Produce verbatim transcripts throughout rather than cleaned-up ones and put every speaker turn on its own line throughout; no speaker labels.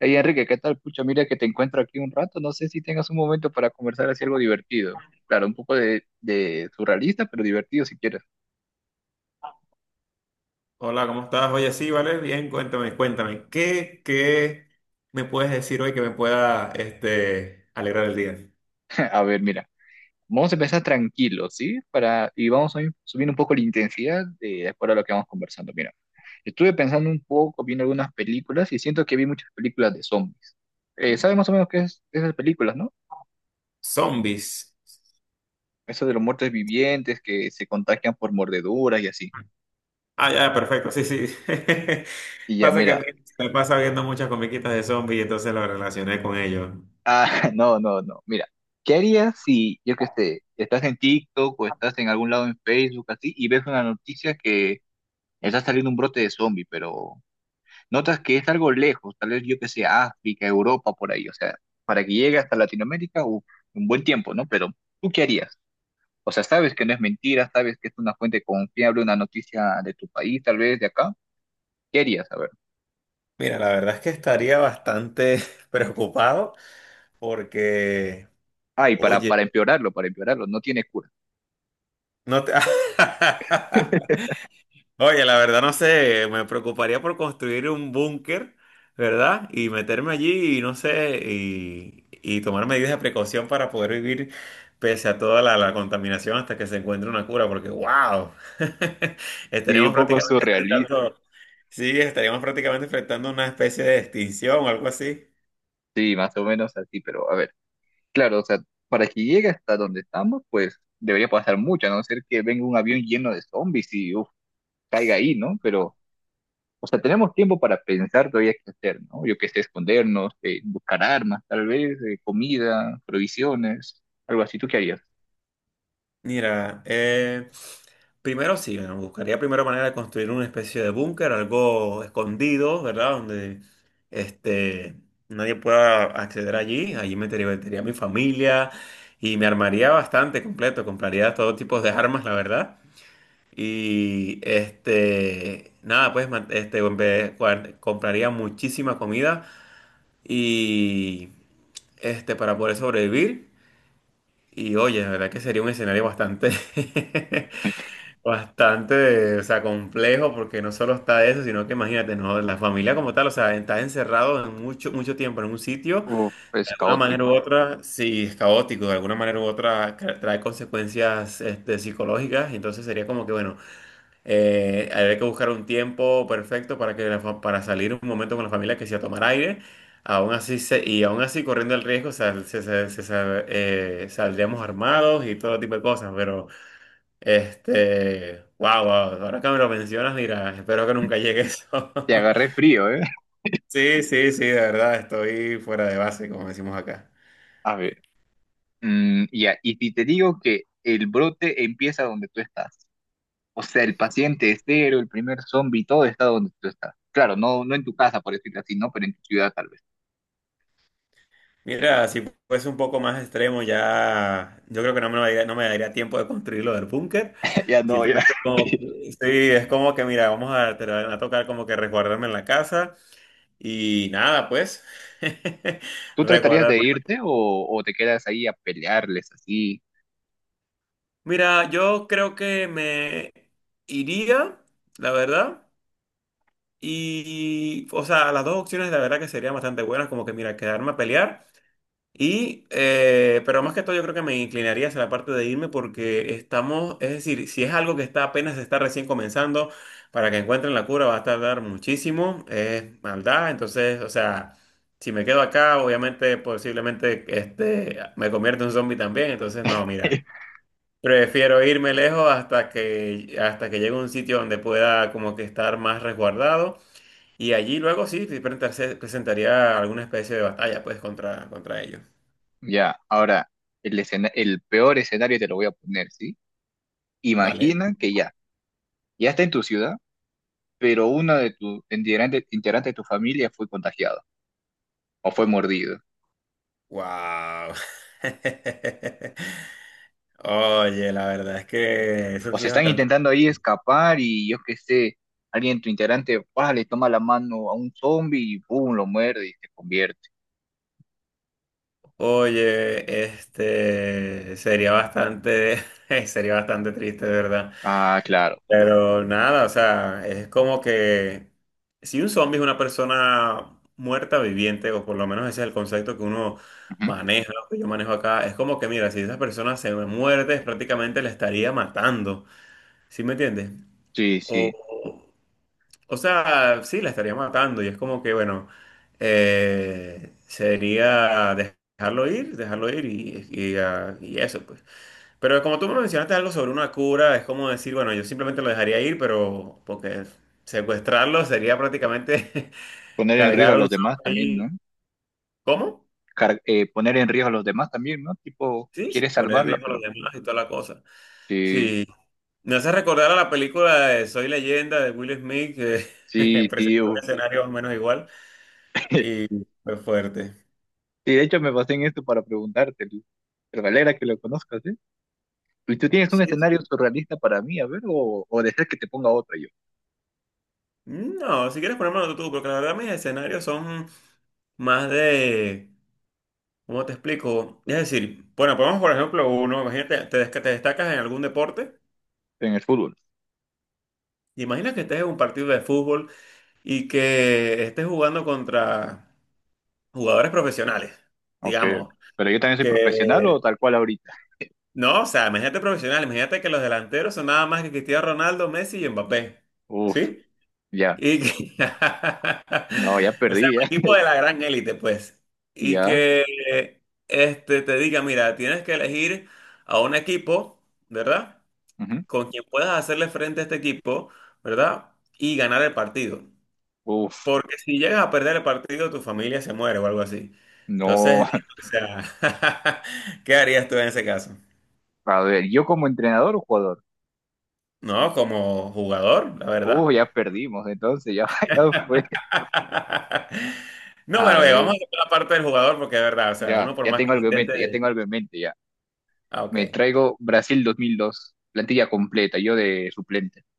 Hey Enrique, ¿qué tal? Pucha, mira que te encuentro aquí un rato. No sé si tengas un momento para conversar así algo divertido. Claro, un poco de, de surrealista, pero divertido si quieres.
Hola, ¿cómo estás? Oye, sí, vale, bien, cuéntame, cuéntame, ¿qué, qué me puedes decir hoy que me pueda, este, alegrar el día?
A ver, mira, vamos a empezar tranquilo, ¿sí? Para, y vamos a ir subiendo un poco la intensidad de, de acuerdo a lo que vamos conversando. Mira, estuve pensando un poco, viendo algunas películas y siento que vi muchas películas de zombies. Eh, ¿sabes más o menos qué es esas películas, no?
Zombies.
Eso de los muertos vivientes que se contagian por mordeduras y así.
Ah, ya, perfecto, sí, sí.
Y ya,
Pasa que
mira.
me pasa viendo muchas comiquitas de zombies y entonces lo relacioné con ellos.
Ah, no, no, no. Mira, ¿qué harías si, yo qué sé, estás en TikTok o estás en algún lado en Facebook así y ves una noticia que está saliendo un brote de zombie, pero notas que es algo lejos, tal vez yo qué sé, África, Europa, por ahí, o sea, para que llegue hasta Latinoamérica, uf, un buen tiempo, ¿no? Pero, ¿tú qué harías? O sea, sabes que no es mentira, sabes que es una fuente confiable, una noticia de tu país, tal vez de acá. ¿Qué harías? A ver.
Mira, la verdad es que estaría bastante preocupado porque,
Ay, para, para
oye,
empeorarlo, para empeorarlo, no tiene cura.
no te... Oye, la verdad no sé, me preocuparía por construir un búnker, ¿verdad? Y meterme allí y no sé, y, y tomar medidas de precaución para poder vivir pese a toda la, la contaminación hasta que se encuentre una cura, porque wow,
Sí,
estaríamos
un poco
prácticamente
surrealista.
enfrentando, sí, estaríamos prácticamente enfrentando una especie de extinción o algo así.
Sí, más o menos así, pero a ver, claro, o sea, para que llegue hasta donde estamos, pues debería pasar mucho, a no ser que venga un avión lleno de zombies y uf, caiga ahí, ¿no? Pero, o sea, tenemos tiempo para pensar todavía qué hacer, ¿no? Yo qué sé, escondernos, eh, buscar armas, tal vez, eh, comida, provisiones, algo así. ¿Tú qué harías?
Mira, eh, primero sí, bueno, buscaría primero manera de construir una especie de búnker, algo escondido, ¿verdad? Donde este, nadie pueda acceder allí. Allí me metería a mi familia y me armaría bastante completo. Compraría todo tipo de armas, la verdad. Y este, nada, pues man- este, en vez- cuan- compraría muchísima comida y este, para poder sobrevivir. Y oye, la verdad que sería un escenario bastante Bastante, o sea, complejo porque no solo está eso, sino que imagínate, ¿no? La familia como tal, o sea, está encerrado en mucho, mucho tiempo en un sitio,
Uf,
de
es
alguna manera u
caótico.
otra, sí, es caótico, de alguna manera u otra ca- trae consecuencias este, psicológicas, entonces sería como que, bueno, eh, habría que buscar un tiempo perfecto para, que la fa- para salir un momento con la familia que sea a tomar aire, aún así, se- y aún así corriendo el riesgo, sal- se- se- se- sal- eh, saldríamos armados y todo tipo de cosas, pero... Este, wow, wow, ahora que me lo mencionas, mira, espero que nunca llegue eso.
Te agarré frío, ¿eh?
Sí, sí, sí, de verdad, estoy fuera de base, como decimos acá.
A ver, mm, ya, y si te digo que el brote empieza donde tú estás. O sea, el paciente es cero, el primer zombie, todo está donde tú estás. Claro, no, no en tu casa, por decirlo así, ¿no? Pero en tu ciudad tal vez.
Mira, si fuese un poco más extremo, ya yo creo que no me daría, no me daría tiempo de construir lo del búnker.
Ya no, ya.
Simplemente como, que- sí, es como que, mira, vamos a, te van a tocar como que resguardarme en la casa y nada, pues,
¿Tú tratarías
resguardarme.
de irte o, o te quedas ahí a pelearles así?
Mira, yo creo que me iría, la verdad. Y, o sea, las dos opciones la verdad que serían bastante buenas, como que, mira, quedarme a pelear. Y, eh, pero más que todo yo creo que me inclinaría hacia la parte de irme porque estamos, es decir, si es algo que está apenas está recién comenzando, para que encuentren la cura va a tardar muchísimo, es maldad, entonces, o sea, si me quedo acá, obviamente, posiblemente, este, me convierto en un zombie también, entonces, no, mira. Prefiero irme lejos hasta que, hasta que llegue a un sitio donde pueda como que estar más resguardado. Y allí luego sí te presenta- presentaría alguna especie de batalla, pues, contra, contra ellos.
Ya, ahora, el, escena- el peor escenario te lo voy a poner, ¿sí?
¿Vale?
Imagina que ya, ya está en tu ciudad, pero uno de tus integrante- integrantes de tu familia fue contagiado o fue mordido.
¡Wow! Oye, la verdad es que eso
O
sí
se
es
están
bastante.
intentando ahí escapar y yo qué sé, alguien, tu integrante, ¡pah!, le toma la mano a un zombie y ¡pum!, lo muerde y se convierte.
Oye, este sería bastante, sería bastante triste, de verdad.
Ah, claro. Claro.
Pero nada, o sea, es como que si un zombie es una persona muerta viviente, o por lo menos ese es el concepto que uno
Ujú.
maneja, o que yo manejo acá, es como que mira, si esa persona se muerde, es prácticamente la estaría matando, ¿sí me entiendes?
Sí,
O,
sí.
o sea, sí, la estaría matando y es como que, bueno, eh, sería dejarlo ir, dejarlo ir y, y, ah, y eso, pues. Pero como tú me mencionaste algo sobre una cura, es como decir, bueno, yo simplemente lo dejaría ir, pero porque secuestrarlo sería prácticamente
Poner en riesgo
cargar
a los
un
demás
zombie
también, ¿no?
ahí. ¿Cómo?
Car- eh, poner en riesgo a los demás también, ¿no? Tipo,
Sí, sí,
quieres
poner en
salvarla,
riesgo a los
pero...
demás y toda la cosa.
Sí,
Sí. Me hace recordar a la película de Soy Leyenda de Will Smith, que
sí, sí.
presentó un
Uf.
escenario más o menos igual y fue fuerte.
Sí, de hecho me basé en esto para preguntarte. Lu. Pero me alegra que lo conozcas, ¿eh? ¿Y tú tienes un
Sí.
escenario surrealista para mí, a ver, o, o deseas que te ponga otro yo
No, si quieres ponérmelo tú, porque la verdad mis escenarios son más de ¿Cómo te explico? Es decir, bueno, ponemos por ejemplo uno, imagínate, te, des- que te destacas en algún deporte,
en el fútbol?
imagina que estés en un partido de fútbol y que estés jugando contra jugadores profesionales,
Ok,
digamos,
pero yo también soy profesional
que,
o tal cual ahorita.
no, o sea, imagínate profesional, imagínate que los delanteros son nada más que Cristiano Ronaldo, Messi y Mbappé,
Uf,
¿sí?
ya,
Y que,
no, ya
o sea,
perdí,
un
ya,
equipo de la gran élite, pues, y
ya.
que este, te diga, mira, tienes que elegir a un equipo, ¿verdad?
Ujú.
Con quien puedas hacerle frente a este equipo, ¿verdad? Y ganar el partido.
Uf,
Porque si llegas a perder el partido, tu familia se muere o algo así. Entonces,
no,
digo, o sea, ¿qué harías tú en ese caso?
a ver, yo como entrenador o jugador.
No, como jugador, la
Uf,
verdad.
ya perdimos, entonces ya, ya fue.
No, bueno,
A
ve, vamos
ver,
a hacer la parte del jugador porque es verdad, o sea,
ya,
uno por
ya
más
tengo
que
algo en mente, ya
intente...
tengo algo en mente, ya.
Ah,
Me
ok.
traigo Brasil dos mil dos, plantilla completa, yo de suplente.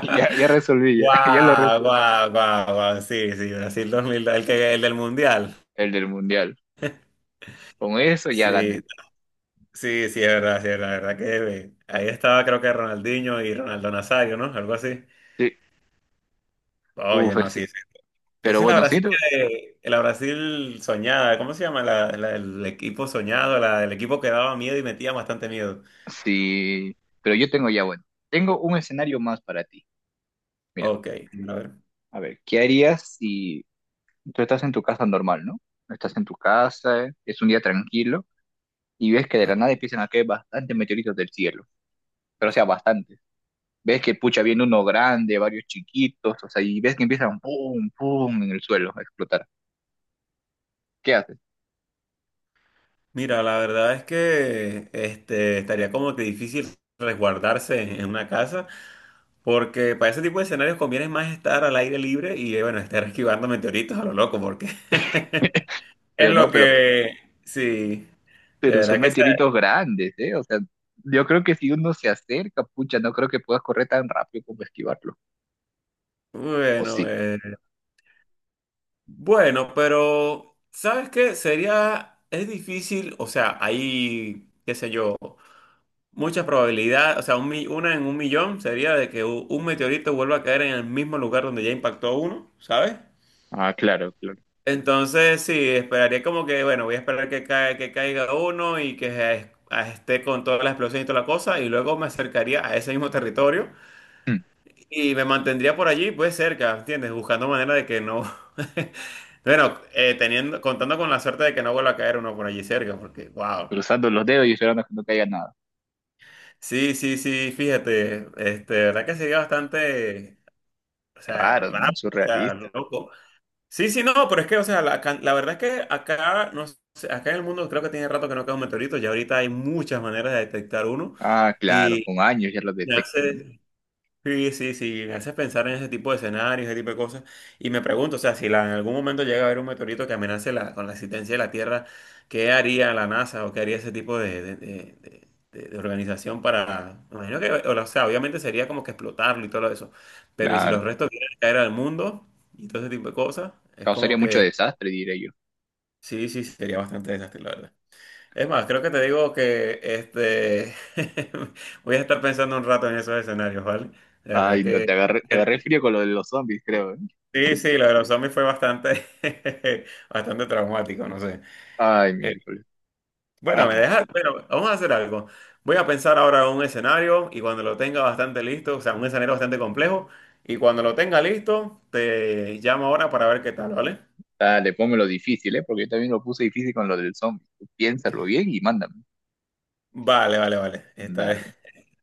Ya, ya resolví, ya, ya lo
Guau,
resolví.
guau, guau, guau. Sí, sí, Brasil dos mil dos, el que, el del Mundial.
El del Mundial. Con eso ya
Sí,
gané.
sí, sí, es verdad, sí, es verdad, la verdad que eh, ahí estaba creo que Ronaldinho y Ronaldo Nazario, ¿no? Algo así.
Sí,
Oye,
uf,
no,
ese-
sí, sí.
pero
Esa es la
bueno, sí.
Brasil que- la Brasil soñada, ¿cómo se llama? La, la del equipo soñado, la del equipo que daba miedo y metía bastante miedo.
Sí, pero yo tengo ya, bueno, tengo un escenario más para ti. Mira,
Ok, a ver.
a ver, ¿qué harías si tú estás en tu casa normal, ¿no? Estás en tu casa, eh, es un día tranquilo y ves que de la
Vale.
nada empiezan a caer bastantes meteoritos del cielo, pero o sea, bastantes. Ves que pucha viene uno grande, varios chiquitos, o sea, y ves que empiezan pum, pum en el suelo a explotar. ¿Qué haces?
Mira, la verdad es que este, estaría como que difícil resguardarse en una casa, porque para ese tipo de escenarios conviene más estar al aire libre y, eh, bueno, estar esquivando meteoritos a lo loco, porque es
Pero no,
lo
pero,
que, sí, de
pero son
verdad que sea,
meteoritos grandes, ¿eh? O sea, yo creo que si uno se acerca, pucha, no creo que puedas correr tan rápido como esquivarlo. ¿O
bueno,
sí?
eh, bueno, pero ¿sabes qué? Sería, es difícil, o sea, hay, qué sé yo, mucha probabilidad, o sea, un mi- una en un millón sería de que u- un meteorito vuelva a caer en el mismo lugar donde ya impactó uno, ¿sabes?
Ah, claro, claro.
Entonces, sí, esperaría como que, bueno, voy a esperar que, cae, que caiga uno y que eh, esté con toda la explosión y toda la cosa, y luego me acercaría a ese mismo territorio
Mm.
y me mantendría por allí, pues cerca, ¿entiendes? Buscando manera de que no. Bueno, eh, teniendo, contando con la suerte de que no vuelva a caer uno por allí cerca, porque, wow.
Cruzando los dedos y esperando que no caiga nada.
Sí, sí, sí, fíjate, este, verdad que sería bastante, o sea,
Raro, ¿no?
raro, o sea,
Surrealista.
loco. Sí, sí, no, pero es que, o sea, la, can- la verdad es que acá, no sé, acá en el mundo creo que tiene rato que no cae un meteorito, ya ahorita hay muchas maneras de detectar uno
Ah, claro,
y
con años ya lo detectan, ¿no?
hace, sí, sí, sí, me hace pensar en ese tipo de escenarios, ese tipo de cosas. Y me pregunto, o sea, si la- en algún momento llega a haber un meteorito que amenace la, con la existencia de la Tierra, ¿qué haría la NASA o qué haría ese tipo de, de- de- de- de- de organización para... me imagino que, o sea, obviamente sería como que explotarlo y todo eso. Pero ¿y si
Claro.
los restos vienen a caer al mundo y todo ese tipo de cosas? Es
Causaría
como
mucho
que,
desastre, diré yo.
sí, sí, sí, sería bastante desastre, la verdad. Es más, creo que te digo que este voy a estar pensando un rato en esos escenarios, ¿vale? La verdad
Ay, no,
que...
te agarré, te agarré frío con lo de los zombies, creo, ¿eh?
Sí, sí, lo de los zombies fue bastante, bastante traumático, no sé.
Ay,
Eh,
miércoles.
bueno, me
Ah,
dejas, bueno, vamos a hacer algo. Voy a pensar ahora un escenario y cuando lo tenga bastante listo, o sea, un escenario bastante complejo, y cuando lo tenga listo, te llamo ahora para ver qué tal, ¿vale?
dale, pónmelo difícil, ¿eh? Porque yo también lo puse difícil con lo del zombie. Tú piénsalo bien y mándame.
Vale, vale, vale. Esta vez,
Dale.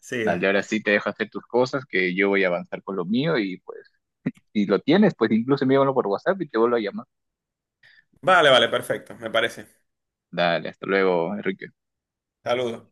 sí,
Dale,
da.
ahora sí te dejo hacer tus cosas, que yo voy a avanzar con lo mío y pues, si lo tienes, pues incluso envíamelo por WhatsApp y te vuelvo a llamar.
Vale, vale, perfecto, me parece.
Dale, hasta luego, Enrique.
Saludos.